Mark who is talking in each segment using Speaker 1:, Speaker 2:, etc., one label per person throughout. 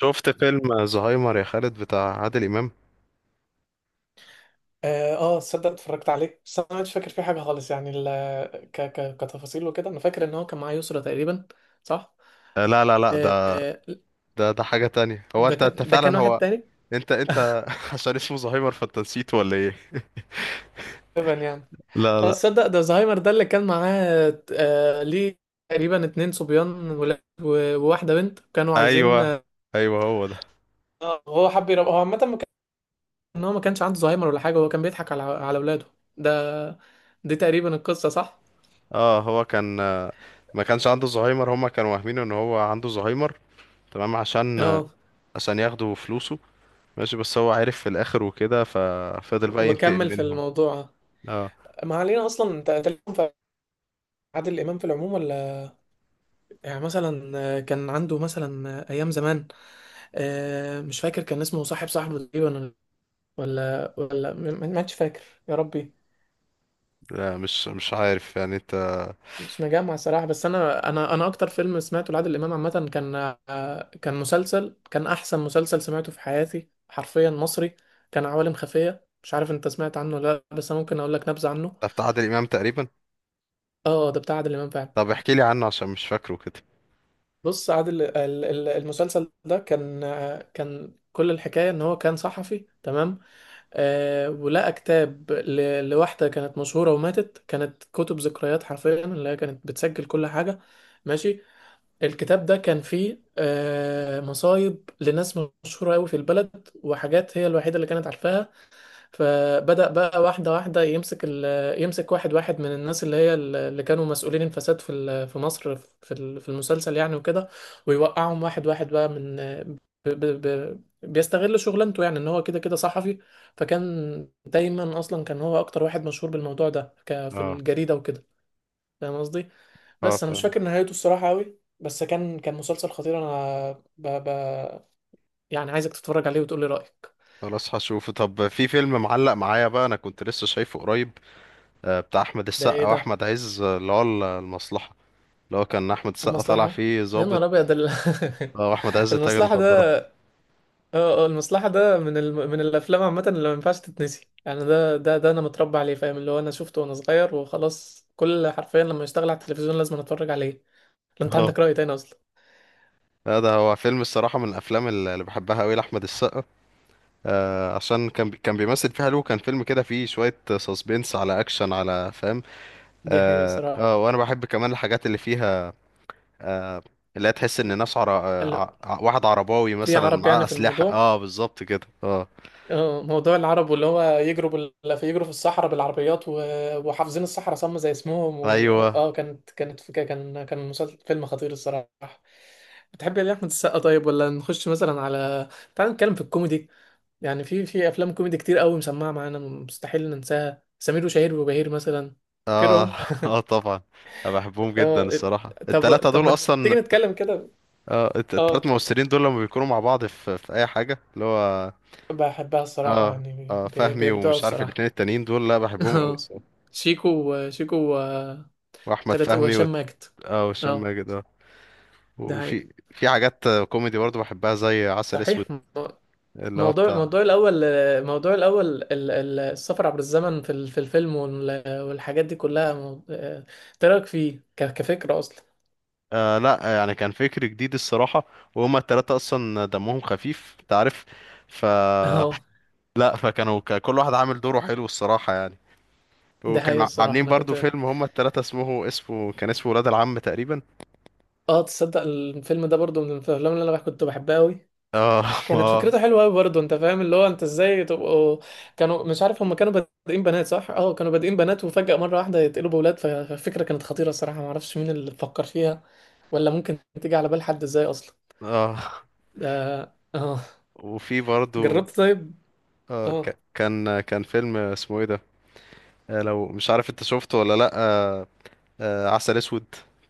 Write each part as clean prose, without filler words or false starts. Speaker 1: شفت فيلم زهايمر يا خالد، بتاع عادل امام؟
Speaker 2: اه آه، تصدق اتفرجت عليه، بس انا مش فاكر فيه حاجه خالص. يعني ال ك ك كتفاصيل وكده، انا فاكر ان هو كان معاه يسرا تقريبا، صح؟
Speaker 1: آه، لا، لا، لا،
Speaker 2: آه،
Speaker 1: ده
Speaker 2: آه،
Speaker 1: ده حاجه تانية. هو
Speaker 2: ده
Speaker 1: انت
Speaker 2: كان ده كان
Speaker 1: فعلا.
Speaker 2: واحد
Speaker 1: هو
Speaker 2: تاني،
Speaker 1: انت عشان اسمه زهايمر فانت نسيته ولا ايه؟
Speaker 2: تقريبا يعني.
Speaker 1: لا،
Speaker 2: اه،
Speaker 1: لا.
Speaker 2: تصدق ده زهايمر ده اللي كان معاه. آه، ليه؟ تقريبا اتنين صبيان ولاد وواحده بنت كانوا عايزين.
Speaker 1: ايوه، ايوه، هو ده.
Speaker 2: هو حب يرب، هو عامه ما كان ان هو ما كانش عنده زهايمر ولا حاجه، هو كان بيضحك على اولاده. ده دي تقريبا القصه، صح؟
Speaker 1: اه، هو كان، ما كانش عنده زهايمر، هما كانوا واهمينه ان هو عنده زهايمر. تمام،
Speaker 2: اه،
Speaker 1: عشان ياخدوا فلوسه. ماشي، بس هو عارف في الاخر وكده ففضل بقى ينتقم
Speaker 2: وكمل في
Speaker 1: منهم.
Speaker 2: الموضوع.
Speaker 1: اه.
Speaker 2: ما علينا اصلا. انت عادل إمام في العموم، ولا يعني مثلا كان عنده مثلا أيام زمان؟ مش فاكر، كان اسمه صاحبه تقريبا، ولا ما عادش فاكر. يا ربي.
Speaker 1: لا، مش عارف يعني انت.
Speaker 2: مش مجمع صراحة، بس أنا أكتر فيلم سمعته لعادل إمام عامة، كان كان مسلسل كان أحسن مسلسل سمعته في حياتي حرفيا، مصري. كان عوالم خفية، مش عارف أنت سمعت عنه ولا لأ، بس أنا ممكن أقول لك نبذة عنه.
Speaker 1: ده بتاع عادل امام تقريبا؟
Speaker 2: أه، ده بتاع عادل إمام فعلا.
Speaker 1: طب احكي لي عنه عشان مش فاكره كده.
Speaker 2: بص، المسلسل ده كان كل الحكاية ان هو كان صحفي، تمام. ولقى كتاب لواحدة كانت مشهورة وماتت، كانت كتب ذكريات حرفيا اللي هي كانت بتسجل كل حاجة، ماشي. الكتاب ده كان فيه مصايب لناس مشهورة قوي في البلد، وحاجات هي الوحيدة اللي كانت عارفاها. فبدأ بقى واحدة واحدة يمسك واحد واحد من الناس، اللي اللي كانوا مسؤولين الفساد في في مصر، في في المسلسل يعني، وكده. ويوقعهم واحد واحد بقى، من بيستغل شغلانته، يعني ان هو كده كده صحفي. فكان دايما اصلا كان هو اكتر واحد مشهور بالموضوع ده، في
Speaker 1: اه،
Speaker 2: الجريدة وكده، فاهم قصدي؟
Speaker 1: اه.
Speaker 2: بس انا مش فاكر نهايته الصراحة قوي، بس كان مسلسل خطير انا. ب... ب... يعني عايزك تتفرج عليه وتقولي رأيك.
Speaker 1: خلاص هشوفه. طب في فيلم معلق معايا بقى، انا كنت لسه شايفه قريب، بتاع احمد
Speaker 2: ده ايه
Speaker 1: السقا
Speaker 2: ده؟
Speaker 1: واحمد عز، اللي هو المصلحة. اللي هو كان احمد السقا طالع
Speaker 2: المصلحة.
Speaker 1: فيه
Speaker 2: يا
Speaker 1: ضابط،
Speaker 2: نهار أبيض
Speaker 1: واحمد عز تاجر
Speaker 2: المصلحة
Speaker 1: مخدرات.
Speaker 2: ده. اه اه، المصلحة ده من من الأفلام عامة اللي ما ينفعش تتنسي. يعني ده أنا متربى عليه، فاهم؟ اللي هو أنا شفته وأنا صغير وخلاص، كل حرفيا لما يشتغل على التلفزيون لازم أتفرج عليه. لو أنت
Speaker 1: اه.
Speaker 2: عندك رأي تاني أصلا؟
Speaker 1: لا، ده هو فيلم الصراحة، من الافلام اللي بحبها قوي لاحمد السقا، عشان كان بيمثل فيها حلو، كان فيلم كده فيه شوية سسبنس على اكشن على فاهم.
Speaker 2: دي حقيقة
Speaker 1: اه،
Speaker 2: صراحة.
Speaker 1: وانا بحب كمان الحاجات اللي فيها، آه، اللي هي تحس ان ناس عر...
Speaker 2: هلا،
Speaker 1: آه، ع- واحد عرباوي
Speaker 2: في
Speaker 1: مثلا
Speaker 2: عرب
Speaker 1: معاه
Speaker 2: يعني في
Speaker 1: اسلحة،
Speaker 2: الموضوع؟
Speaker 1: اه، بالظبط كده، اه.
Speaker 2: اه، موضوع العرب، واللي هو يجروا بال... في يجروا في الصحراء بالعربيات، وحافظين الصحراء صم زي اسمهم. وال...
Speaker 1: ايوه.
Speaker 2: اه كانت فكرة، كان مسلسل فيلم خطير الصراحة. بتحب يا احمد السقا طيب، ولا نخش مثلا على تعال نتكلم في الكوميدي؟ يعني في افلام كوميدي كتير قوي مسمعة معانا مستحيل ننساها، سمير وشهير وبهير مثلا،
Speaker 1: اه،
Speaker 2: فاكرهم؟
Speaker 1: اه، طبعا. انا بحبهم جدا
Speaker 2: اه،
Speaker 1: الصراحه،
Speaker 2: طب
Speaker 1: التلاتة
Speaker 2: طب
Speaker 1: دول
Speaker 2: ما تيجي
Speaker 1: اصلا.
Speaker 2: نتكلم كده.
Speaker 1: اه، التلات
Speaker 2: اه،
Speaker 1: ممثلين دول لما بيكونوا مع بعض في اي حاجه اللي هو.
Speaker 2: بحبها الصراحة،
Speaker 1: اه،
Speaker 2: يعني
Speaker 1: اه، فهمي
Speaker 2: بيبدعوا
Speaker 1: ومش عارف الاتنين
Speaker 2: الصراحة.
Speaker 1: التانيين دول. لا، بحبهم قوي
Speaker 2: اه،
Speaker 1: الصراحه.
Speaker 2: شيكو شيكو،
Speaker 1: واحمد
Speaker 2: تلاتة،
Speaker 1: فهمي و...
Speaker 2: وهشام ماجد.
Speaker 1: اه، وهشام
Speaker 2: اه،
Speaker 1: ماجد. اه.
Speaker 2: ده حقيقي،
Speaker 1: وفي حاجات كوميدي برضو بحبها، زي عسل
Speaker 2: صحيح.
Speaker 1: اسود. اللي هو
Speaker 2: موضوع،
Speaker 1: بتاع...
Speaker 2: الموضوع الأول، السفر عبر الزمن في في الفيلم، والحاجات دي كلها، إيه رأيك فيه كفكرة أصلا؟
Speaker 1: لا، يعني كان فكر جديد الصراحه. وهما التلاتة اصلا دمهم خفيف انت عارف. ف
Speaker 2: اه،
Speaker 1: لا، فكانوا، كل واحد عامل دوره حلو الصراحه يعني.
Speaker 2: ده حقيقي
Speaker 1: وكانوا
Speaker 2: الصراحة.
Speaker 1: عاملين
Speaker 2: أنا
Speaker 1: برضو
Speaker 2: كنت
Speaker 1: فيلم، هما التلاتة، اسمه ولاد العم تقريبا.
Speaker 2: اه تصدق الفيلم ده برضو من الأفلام اللي أنا كنت بحبها أوي.
Speaker 1: اه،
Speaker 2: كانت
Speaker 1: اه،
Speaker 2: فكرته حلوه قوي برضه، انت فاهم اللي هو انت ازاي تبقوا؟ كانوا، مش عارف، هم كانوا بادئين بنات، صح؟ اه، كانوا بادئين بنات وفجأة مره واحده يتقلبوا بولاد، فالفكره كانت خطيره الصراحه، ما اعرفش مين اللي فكر فيها، ولا ممكن تيجي على بال حد ازاي اصلا.
Speaker 1: اه.
Speaker 2: ده، اه.
Speaker 1: وفي برضو
Speaker 2: جربت طيب؟
Speaker 1: آه
Speaker 2: اه،
Speaker 1: ك- كان كان فيلم اسمه ايه ده؟ لو مش عارف انت شفته ولا لا. عسل اسود،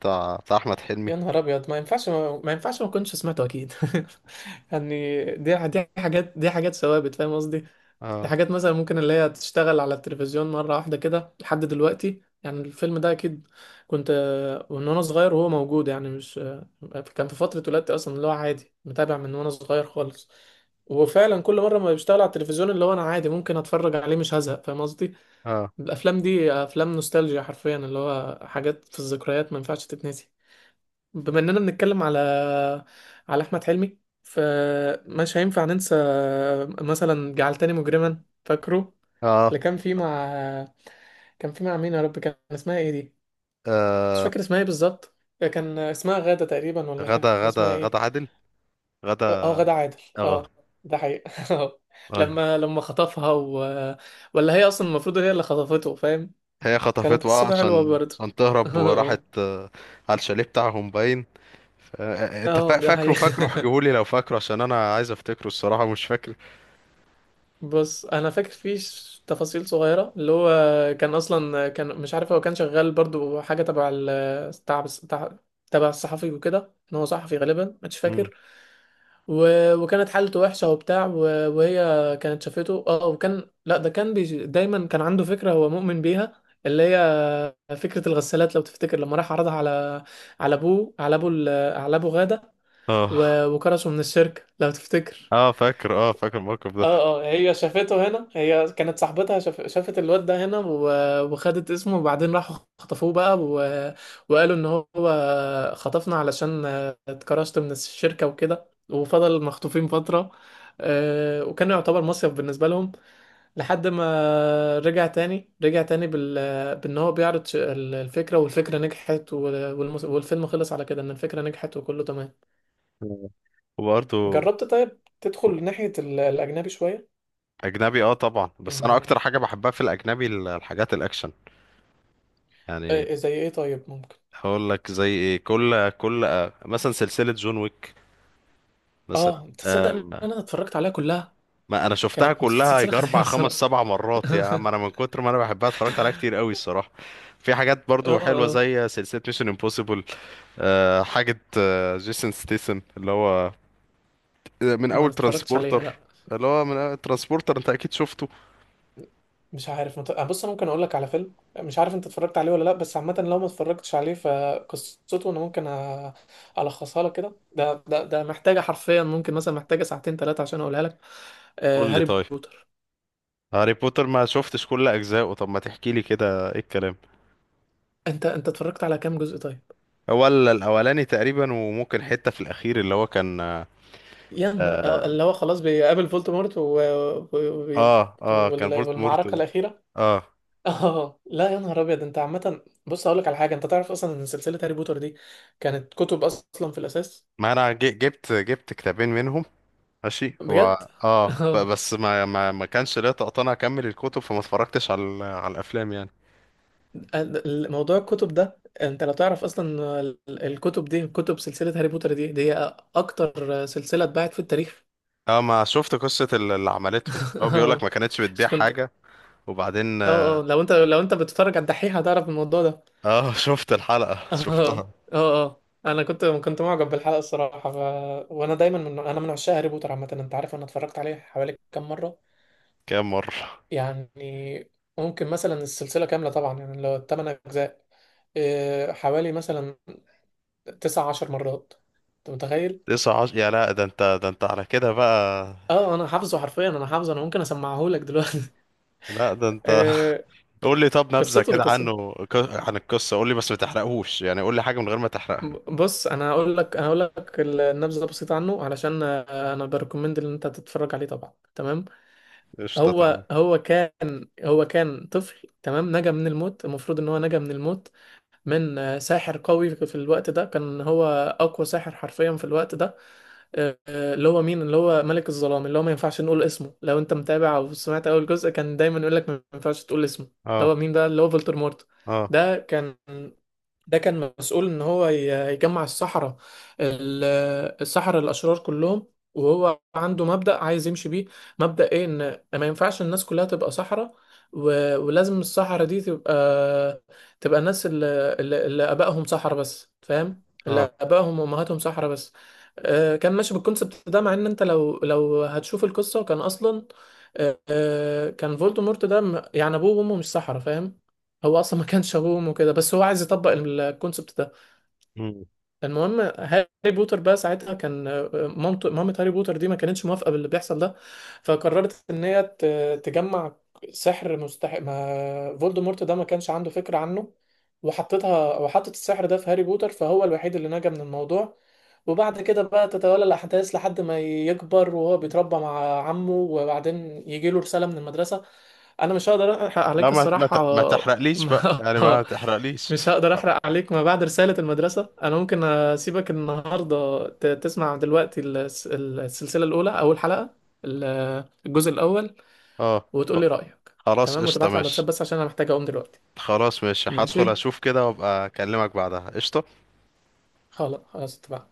Speaker 1: بتاع احمد حلمي.
Speaker 2: يا نهار ابيض، ما ينفعش ما كنتش سمعته اكيد. يعني دي حاجات دي حاجات ثوابت، فاهم قصدي؟ دي
Speaker 1: اه،
Speaker 2: حاجات مثلا ممكن اللي هي تشتغل على التلفزيون مرة واحدة كده لحد دلوقتي، يعني الفيلم ده أكيد كنت، وإن أنا صغير وهو موجود، يعني مش. كان في فترة ولادتي أصلا، اللي هو عادي متابع من وأنا صغير خالص. وفعلا كل مرة ما بيشتغل على التلفزيون اللي هو أنا عادي ممكن أتفرج عليه، مش هزهق، فاهم قصدي؟
Speaker 1: اه،
Speaker 2: الأفلام دي أفلام نوستالجيا حرفيا، اللي هو حاجات في الذكريات ما ينفعش تتنسي. بما اننا بنتكلم على احمد حلمي، فمش هينفع ننسى مثلا جعلتني مجرما، فاكره؟
Speaker 1: اه،
Speaker 2: اللي كان فيه مع مين يا رب، كان اسمها ايه دي؟ مش
Speaker 1: آه
Speaker 2: فاكر اسمها ايه بالظبط، كان اسمها غادة تقريبا، ولا كان
Speaker 1: غدا غدا
Speaker 2: اسمها ايه؟
Speaker 1: غدا عادل. غدا.
Speaker 2: اه، غادة عادل.
Speaker 1: اه.
Speaker 2: اه، ده حقيقي. آه.
Speaker 1: ايوه،
Speaker 2: لما خطفها ولا هي اصلا المفروض هي اللي خطفته، فاهم؟
Speaker 1: هي
Speaker 2: كانت
Speaker 1: خطفته، اه،
Speaker 2: قصته حلوة
Speaker 1: عشان
Speaker 2: برضه.
Speaker 1: عشان تهرب، وراحت
Speaker 2: اه،
Speaker 1: على الشاليه بتاعهم باين.
Speaker 2: اه،
Speaker 1: انت
Speaker 2: آه، ده
Speaker 1: فاكره
Speaker 2: حقيقي.
Speaker 1: فاكره احكيهولي لو فاكره، عشان انا عايز افتكره الصراحة، مش فاكر.
Speaker 2: بص انا فاكر فيه تفاصيل صغيره، اللي هو كان اصلا، كان مش عارف هو كان شغال برضو حاجه تبع ال تبع تبع تبع الصحفي، وكده ان هو صحفي غالبا، مش
Speaker 1: مم.
Speaker 2: فاكر. وكانت حالته وحشه وبتاع، وهي كانت شافته، اه، وكان، لا ده كان دايما كان عنده فكره هو مؤمن بيها، اللي هي فكره الغسالات لو تفتكر، لما راح عرضها على ابوه، على على ابو غاده،
Speaker 1: اه،
Speaker 2: وكرشه من الشركه لو تفتكر.
Speaker 1: اه، فاكر، اه، فاكر الموقف ده.
Speaker 2: اه اه، هي شافته هنا، هي كانت صاحبتها شافت الواد ده هنا، وخدت اسمه، وبعدين راحوا خطفوه بقى، وقالوا ان هو خطفنا علشان اتكرشت من الشركة وكده، وفضل مخطوفين فترة. وكان يعتبر مصيف بالنسبة لهم، لحد ما رجع تاني، رجع تاني بان هو بيعرض الفكرة، والفكرة نجحت، والفيلم خلص على كده ان الفكرة نجحت وكله تمام.
Speaker 1: مم. وبرضه.
Speaker 2: جربت طيب تدخل ناحية الأجنبي شوية؟
Speaker 1: اجنبي، اه، طبعا. بس انا اكتر
Speaker 2: يعني
Speaker 1: حاجه بحبها في الاجنبي الحاجات الاكشن، يعني.
Speaker 2: إيه زي ايه طيب ممكن؟
Speaker 1: هقول لك زي ايه، كل كل آه، مثلا سلسله جون ويك مثلا.
Speaker 2: اه، انت تصدق
Speaker 1: آه،
Speaker 2: ان انا اتفرجت عليها كلها؟
Speaker 1: ما انا شفتها
Speaker 2: كانت في
Speaker 1: كلها،
Speaker 2: سلسله
Speaker 1: يجي
Speaker 2: خطيره
Speaker 1: 4 5
Speaker 2: الصراحه.
Speaker 1: 7 مرات، يا عم انا من كتر ما انا بحبها اتفرجت عليها كتير قوي الصراحه. في حاجات
Speaker 2: اه
Speaker 1: برضو حلوه،
Speaker 2: اه.
Speaker 1: زي سلسله ميشن امبوسيبل، حاجة جيسون ستيسن، اللي هو من
Speaker 2: ما
Speaker 1: أول
Speaker 2: اتفرجتش عليها،
Speaker 1: ترانسبورتر.
Speaker 2: لا.
Speaker 1: اللي هو من أول ترانسبورتر أنت أكيد شفته.
Speaker 2: مش عارف، مت... آه، بص انا ممكن اقول لك على فيلم، مش عارف انت اتفرجت عليه ولا لا، بس عامه لو ما اتفرجتش عليه فقصته انا ممكن الخصها لك كده. ده محتاجه حرفيا، ممكن مثلا محتاجه ساعتين ثلاثه عشان اقولها لك.
Speaker 1: قول لي
Speaker 2: هاري
Speaker 1: طيب.
Speaker 2: بوتر.
Speaker 1: هاري بوتر ما شفتش كل أجزائه، طب ما تحكي لي كده إيه الكلام.
Speaker 2: انت اتفرجت على كام جزء طيب؟
Speaker 1: هو الأولاني تقريبا، وممكن حتة في الأخير اللي هو
Speaker 2: يعني اللي هو خلاص بيقابل فولدمورت،
Speaker 1: كان فولت
Speaker 2: والمعركه
Speaker 1: مورتل.
Speaker 2: الاخيره.
Speaker 1: آه
Speaker 2: اه، لا، يا نهار ابيض، انت عامه، بص اقول لك على حاجه، انت تعرف اصلا ان سلسله هاري بوتر دي كانت كتب اصلا في الاساس؟
Speaker 1: ما أنا جبت كتابين منهم. ماشي،
Speaker 2: بجد.
Speaker 1: هو
Speaker 2: اه،
Speaker 1: بس ما كانش ليا طاقة أنا أكمل الكتب، فما اتفرجتش على على الأفلام يعني.
Speaker 2: موضوع الكتب ده، انت لو تعرف اصلا الكتب دي، كتب سلسله هاري بوتر دي، دي اكتر سلسله اتباعت في التاريخ.
Speaker 1: اه، ما شفت قصة اللي عملتهم، هو بيقولك
Speaker 2: اه،
Speaker 1: ما كانتش بتبيع
Speaker 2: بس كنت.
Speaker 1: حاجة، وبعدين.
Speaker 2: اه اه، لو انت بتتفرج على الدحيح هتعرف الموضوع ده.
Speaker 1: اه، شفت الحلقة
Speaker 2: اه اه
Speaker 1: شفتها.
Speaker 2: اه اه. انا كنت معجب بالحلقه الصراحه. وانا دايما، انا من عشاق هاري بوتر عامه، انت عارف انا اتفرجت عليه حوالي كام مره؟
Speaker 1: كام مرة؟
Speaker 2: يعني ممكن مثلا السلسلة كاملة طبعا، يعني لو 8 أجزاء، إيه، حوالي مثلا 19 مرات، أنت متخيل؟
Speaker 1: 19. يا لا، ده انت على كده بقى.
Speaker 2: اه، أنا حافظه حرفيا، أنا حافظه، أنا ممكن أسمعه لك دلوقتي.
Speaker 1: لا، ده انت.
Speaker 2: إيه،
Speaker 1: قول لي، طب نبذة كده
Speaker 2: قصته.
Speaker 1: عنه، عن القصة، قول لي، بس ما تحرقهوش يعني، قول لي حاجة من غير ما تحرقها.
Speaker 2: بص أنا هقول لك، النبذة بسيطة عنه، علشان أنا بريكومند إن أنت تتفرج عليه طبعا، تمام.
Speaker 1: قشطة، تمام.
Speaker 2: هو كان طفل، تمام، نجا من الموت. المفروض إن هو نجا من الموت من ساحر قوي في الوقت ده، كان هو أقوى ساحر حرفيا في الوقت ده. اللي هو مين؟ اللي هو ملك الظلام، اللي هو ما ينفعش نقول اسمه. لو انت متابع او سمعت اول جزء كان دايما يقول لك ما ينفعش تقول اسمه. اللي
Speaker 1: اه،
Speaker 2: هو مين ده؟ اللي هو فولتر مورت.
Speaker 1: اه،
Speaker 2: ده كان ده كان مسؤول ان هو يجمع السحرة، ال- السحرة الاشرار كلهم. وهو عنده مبدأ عايز يمشي بيه، مبدأ ايه؟ ان ما ينفعش الناس كلها تبقى سحرة، ولازم السحرة دي تبقى، تبقى الناس اللي ابائهم سحرة بس، فاهم؟
Speaker 1: اه.
Speaker 2: اللي ابائهم وامهاتهم سحرة بس. كان ماشي بالكونسبت ده، مع ان انت لو هتشوف القصة كان اصلا، كان فولدمورت ده، يعني ابوه وامه مش سحرة، فاهم؟ هو اصلا ما كانش ابوه وامه كده، بس هو عايز يطبق الكونسبت ده.
Speaker 1: مم.
Speaker 2: المهم هاري بوتر بقى ساعتها كان، مامة هاري بوتر دي ما كانتش موافقة باللي بيحصل ده، فقررت ان هي تجمع سحر مستحق ما فولدمورت ده ما كانش عنده فكرة عنه، وحطت السحر ده في هاري بوتر، فهو الوحيد اللي نجا من الموضوع. وبعد كده بقى تتولى الأحداث لحد ما يكبر وهو بيتربى مع عمه، وبعدين يجيله رسالة من المدرسة. أنا مش هقدر أحرق
Speaker 1: لا،
Speaker 2: عليك الصراحة.
Speaker 1: ما تحرقليش بقى،
Speaker 2: ما-
Speaker 1: يعني ما تحرقليش.
Speaker 2: مش هقدر
Speaker 1: خ-
Speaker 2: احرق عليك. ما بعد رسالة المدرسة انا ممكن اسيبك النهاردة تسمع دلوقتي السلسلة الاولى، اول حلقة، الجزء الاول،
Speaker 1: اه،
Speaker 2: وتقول لي رأيك
Speaker 1: خلاص
Speaker 2: تمام،
Speaker 1: قشطة
Speaker 2: وتبعت لي على الواتساب
Speaker 1: ماشي.
Speaker 2: بس عشان انا محتاج اقوم دلوقتي.
Speaker 1: خلاص ماشي، هدخل
Speaker 2: ماشي،
Speaker 1: اشوف كده وابقى اكلمك بعدها، قشطة.
Speaker 2: خلاص خلاص اتفقنا.